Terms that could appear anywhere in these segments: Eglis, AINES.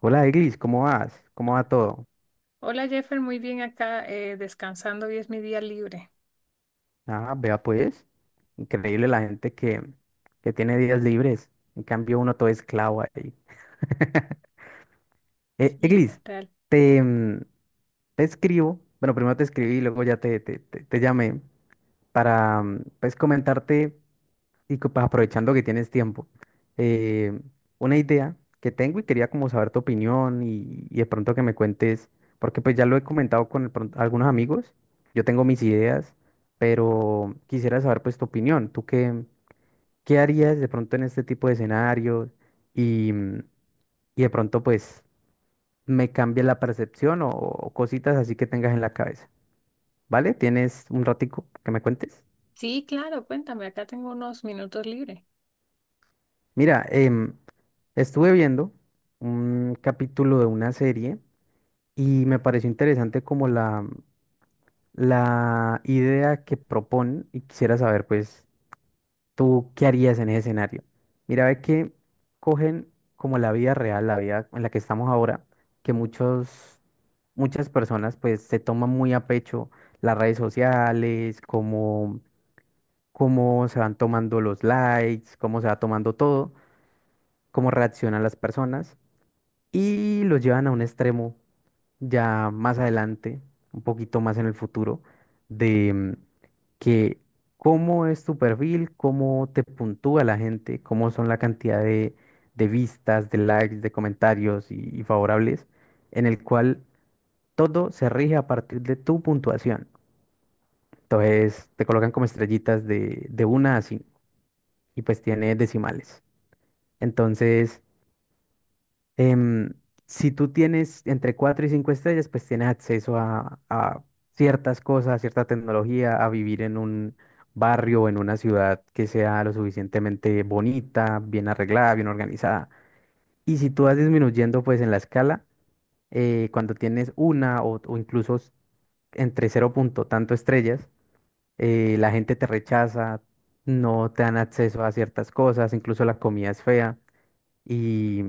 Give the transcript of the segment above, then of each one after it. Hola, Eglis, ¿cómo vas? ¿Cómo va todo? Hola Jeffer, muy bien acá, descansando, hoy es mi día libre. Ah, vea pues, increíble la gente que tiene días libres. En cambio, uno todo esclavo ahí. Sí, ¿qué Eglis, tal? te, mm, te escribo, bueno, primero te escribí y luego ya te llamé para, pues, comentarte. Y que, pues, aprovechando que tienes tiempo, eh, una idea que tengo y quería como saber tu opinión y de pronto que me cuentes, porque pues ya lo he comentado con de pronto algunos amigos, yo tengo mis ideas, pero quisiera saber pues tu opinión. ¿Tú qué, qué harías de pronto en este tipo de escenarios y, y de pronto pues me cambia la percepción o cositas así que tengas en la cabeza, vale? ¿Tienes un ratico que me cuentes? Sí, claro, cuéntame, acá tengo unos minutos libres. Mira, estuve viendo un capítulo de una serie y me pareció interesante como la idea que proponen y quisiera saber, pues, tú qué harías en ese escenario. Mira, ve que cogen como la vida real, la vida en la que estamos ahora, que muchas personas pues se toman muy a pecho las redes sociales, como cómo se van tomando los likes, cómo se va tomando todo, cómo reaccionan las personas, y lo llevan a un extremo ya más adelante, un poquito más en el futuro, de mm, que cómo es tu perfil, cómo te puntúa la gente, cómo son la cantidad de vistas, de likes, de comentarios y favorables, en el cual todo se rige a partir de tu puntuación. Entonces te colocan como estrellitas de una a 5 y pues tiene decimales. Entonces... em, si tú tienes entre 4 y 5 estrellas, pues tienes acceso a ciertas cosas, a cierta tecnología, a vivir en un barrio o en una ciudad que sea lo suficientemente bonita, bien arreglada, bien organizada. Y si tú vas disminuyendo pues en la escala, cuando tienes una o incluso entre cero punto tanto estrellas, la gente te rechaza, no te dan acceso a ciertas cosas, incluso la comida es fea. Y,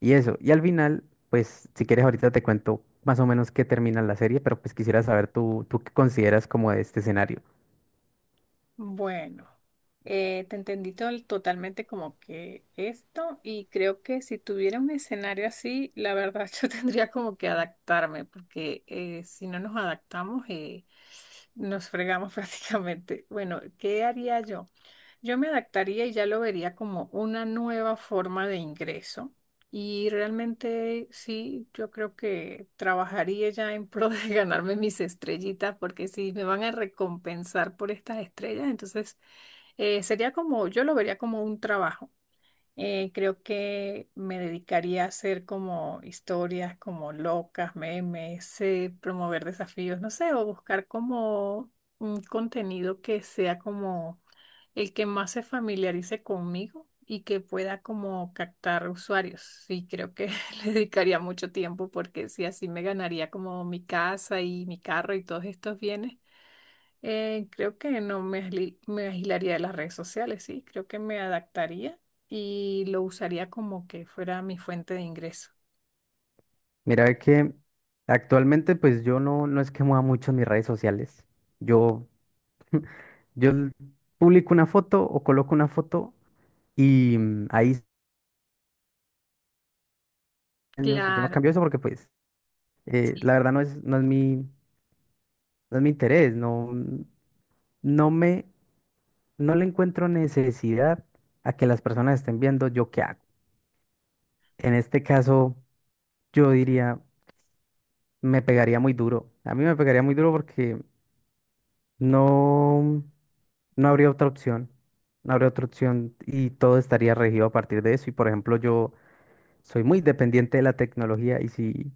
y eso. Y al final, pues, si quieres, ahorita te cuento más o menos qué termina la serie, pero pues quisiera saber tú qué consideras como de este escenario. Bueno, te entendí totalmente como que esto, y creo que si tuviera un escenario así, la verdad, yo tendría como que adaptarme, porque si no nos adaptamos, nos fregamos prácticamente. Bueno, ¿qué haría yo? Yo me adaptaría y ya lo vería como una nueva forma de ingreso. Y realmente sí, yo creo que trabajaría ya en pro de ganarme mis estrellitas, porque si me van a recompensar por estas estrellas, entonces sería como, yo lo vería como un trabajo. Creo que me dedicaría a hacer como historias como locas, memes, promover desafíos, no sé, o buscar como un contenido que sea como el que más se familiarice conmigo y que pueda como captar usuarios. Y creo que le dedicaría mucho tiempo, porque si así me ganaría como mi casa y mi carro y todos estos bienes. Creo que no me, me agilaría de las redes sociales, sí, creo que me adaptaría y lo usaría como que fuera mi fuente de ingreso. Mira, ve que actualmente, pues yo no, no es que mueva mucho mis redes sociales. Yo, yo publico una foto o coloco una foto y ahí años y yo no Claro. cambio eso, porque pues Sí. la verdad no no es mi, no es mi interés. No, no me, no le encuentro necesidad a que las personas estén viendo yo qué hago. En este caso, yo diría, me pegaría muy duro. A mí me pegaría muy duro porque no, no habría otra opción. No habría otra opción y todo estaría regido a partir de eso. Y por ejemplo, yo soy muy dependiente de la tecnología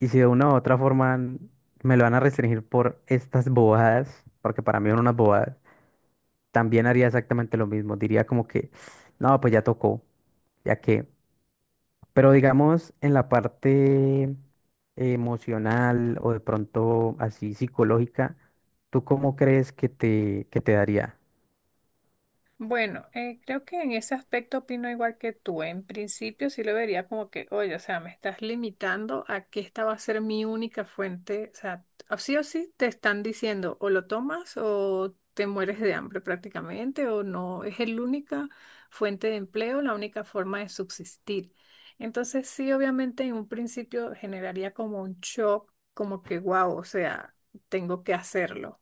y si de una u otra forma me lo van a restringir por estas bobadas, porque para mí son unas bobadas, también haría exactamente lo mismo. Diría como que, no, pues ya tocó, ya que. Pero digamos, en la parte emocional o de pronto así psicológica, ¿tú cómo crees que que te daría? Bueno, creo que en ese aspecto opino igual que tú. En principio sí lo vería como que, oye, o sea, me estás limitando a que esta va a ser mi única fuente. O sea, o sí te están diciendo o lo tomas o te mueres de hambre prácticamente, o no. Es la única fuente de empleo, la única forma de subsistir. Entonces sí, obviamente en un principio generaría como un shock, como que, wow, o sea, tengo que hacerlo,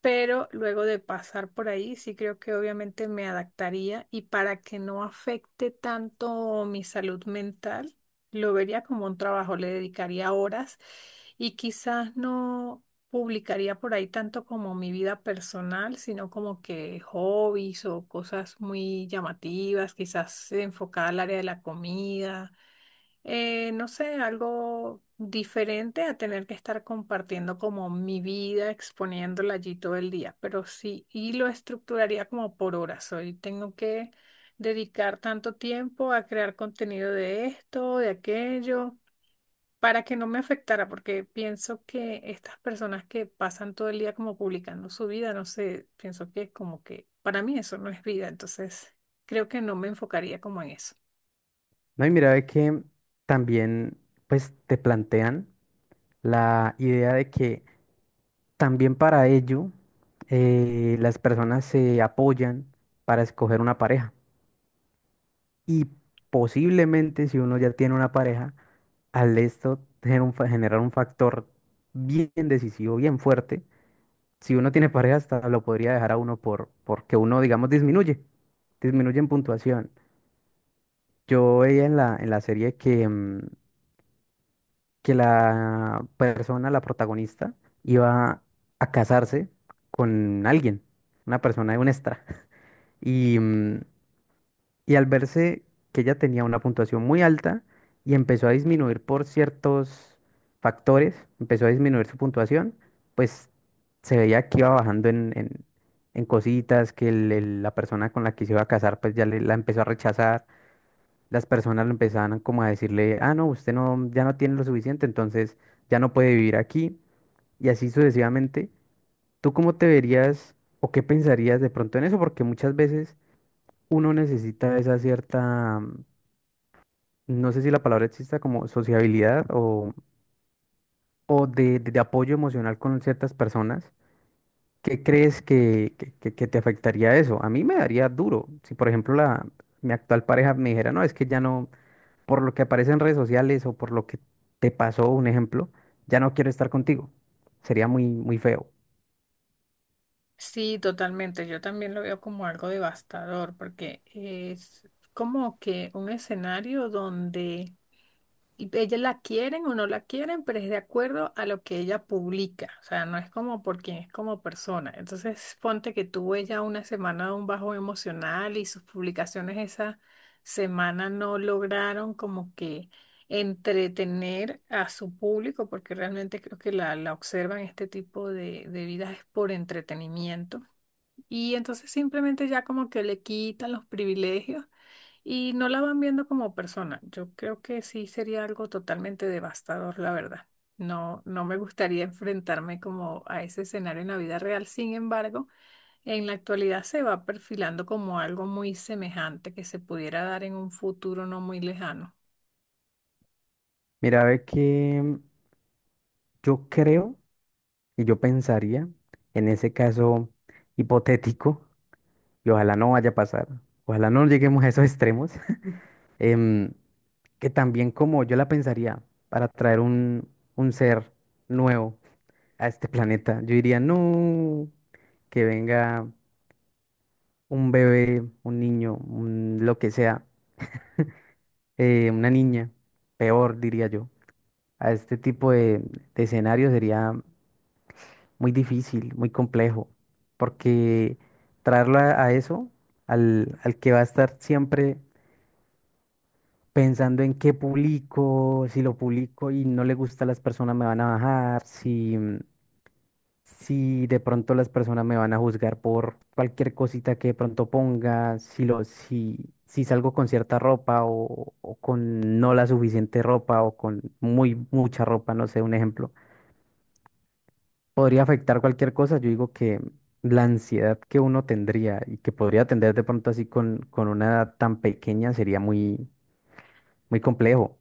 pero luego de pasar por ahí, sí creo que obviamente me adaptaría, y para que no afecte tanto mi salud mental, lo vería como un trabajo, le dedicaría horas y quizás no publicaría por ahí tanto como mi vida personal, sino como que hobbies o cosas muy llamativas, quizás enfocada al área de la comida. No sé, algo diferente a tener que estar compartiendo como mi vida, exponiéndola allí todo el día, pero sí, y lo estructuraría como por horas. Hoy tengo que dedicar tanto tiempo a crear contenido de esto, de aquello, para que no me afectara, porque pienso que estas personas que pasan todo el día como publicando su vida, no sé, pienso que como que para mí eso no es vida, entonces creo que no me enfocaría como en eso. No, y mira, ve que también pues te plantean la idea de que también para ello las personas se apoyan para escoger una pareja. Y posiblemente si uno ya tiene una pareja, al esto tener un generar un factor bien decisivo, bien fuerte, si uno tiene pareja, hasta lo podría dejar a uno por, porque uno, digamos, disminuye, disminuye en puntuación. Yo veía en en la serie que la persona, la protagonista, iba a casarse con alguien, una persona, un extra. Y, y al verse que ella tenía una puntuación muy alta y empezó a disminuir por ciertos factores, empezó a disminuir su puntuación, pues se veía que iba bajando en cositas, que la persona con la que se iba a casar pues ya la empezó a rechazar, las personas le empezaban como a decirle, ah, no, usted no, ya no tiene lo suficiente, entonces ya no puede vivir aquí, y así sucesivamente. ¿Tú cómo te verías o qué pensarías de pronto en eso? Porque muchas veces uno necesita esa cierta, no sé si la palabra exista, como sociabilidad o, de apoyo emocional con ciertas personas. ¿Qué crees que, que te afectaría eso? A mí me daría duro. Si, por ejemplo, mi actual pareja me dijera, no, es que ya no, por lo que aparece en redes sociales o por lo que te pasó, un ejemplo, ya no quiero estar contigo. Sería muy, muy feo. Sí, totalmente. Yo también lo veo como algo devastador, porque es como que un escenario donde y ella la quieren o no la quieren, pero es de acuerdo a lo que ella publica. O sea, no es como por quien es como persona. Entonces, ponte que tuvo ella una semana de un bajo emocional y sus publicaciones esa semana no lograron como que entretener a su público, porque realmente creo que la observan este tipo de vidas es por entretenimiento. Y entonces simplemente ya como que le quitan los privilegios y no la van viendo como persona. Yo creo que sí sería algo totalmente devastador, la verdad. No, no me gustaría enfrentarme como a ese escenario en la vida real. Sin embargo, en la actualidad se va perfilando como algo muy semejante que se pudiera dar en un futuro no muy lejano. Mira, ve que yo creo y yo pensaría, en ese caso hipotético, y ojalá no vaya a pasar, ojalá no lleguemos a esos extremos. Mm. em, que también como yo la pensaría para traer un ser nuevo a este planeta, yo diría, no, que venga un bebé, un niño, un, lo que sea, una niña, peor diría yo. A este tipo de escenario sería muy difícil, muy complejo, porque traerlo a eso, al, al que va a estar siempre pensando en qué publico, si lo publico y no le gusta a las personas me van a bajar, si, si de pronto las personas me van a juzgar por cualquier cosita que de pronto ponga, si lo, si, si salgo con cierta ropa o con no la suficiente ropa o con muy mucha ropa, no sé, un ejemplo. Podría afectar cualquier cosa, yo digo que la ansiedad que uno tendría y que podría tener de pronto así con una edad tan pequeña sería muy, muy complejo.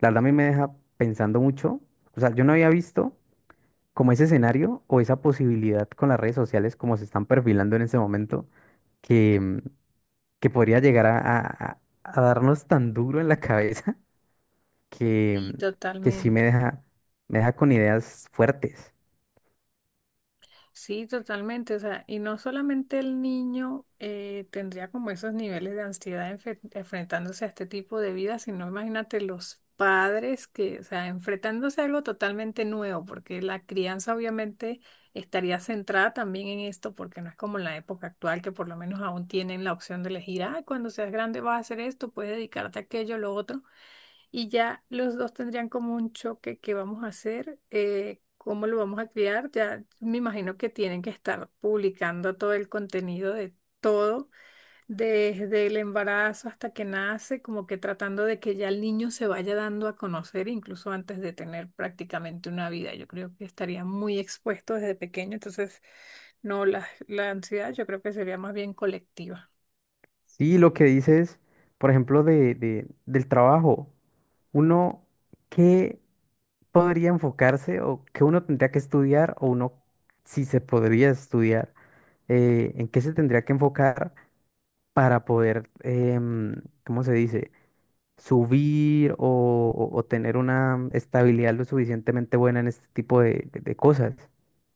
La verdad a mí me deja pensando mucho. O sea, yo no había visto como ese escenario o esa posibilidad con las redes sociales como se están perfilando en ese momento que, mm, que podría llegar a darnos tan duro en la cabeza que, mm, Y que sí me totalmente. Me deja con ideas fuertes. Sí, totalmente. O sea, y no solamente el niño tendría como esos niveles de ansiedad enfrentándose a este tipo de vida, sino imagínate los padres que, o sea, enfrentándose a algo totalmente nuevo, porque la crianza obviamente estaría centrada también en esto, porque no es como en la época actual, que por lo menos aún tienen la opción de elegir, ah, cuando seas grande vas a hacer esto, puedes dedicarte a aquello, lo otro, y ya los dos tendrían como un choque, ¿qué vamos a hacer? ¿Cómo lo vamos a criar? Ya me imagino que tienen que estar publicando todo el contenido de todo, desde el embarazo hasta que nace, como que tratando de que ya el niño se vaya dando a conocer, incluso antes de tener prácticamente una vida. Yo creo que estaría muy expuesto desde pequeño, entonces no, la ansiedad yo creo que sería más bien colectiva. Sí, lo que dices, por ejemplo, del trabajo. Uno, ¿qué podría enfocarse o qué uno tendría que estudiar o uno si se podría estudiar, en qué se tendría que enfocar para poder, em, ¿cómo se dice? Subir o tener una estabilidad lo suficientemente buena en este tipo de cosas.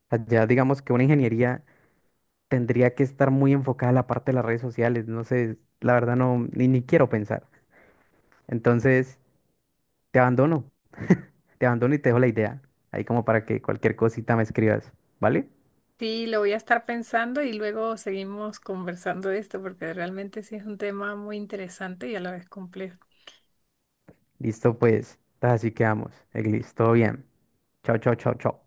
O sea, ya digamos que una ingeniería tendría que estar muy enfocada a la parte de las redes sociales, no sé, la verdad no, ni, ni quiero pensar. Entonces, te abandono, te abandono y te dejo la idea, ahí como para que cualquier cosita me escribas, ¿vale? Sí, lo voy a estar pensando y luego seguimos conversando de esto, porque realmente sí es un tema muy interesante y a la vez complejo. Listo, pues, así quedamos. Eglis, todo bien. Chao, chao, chao, chao.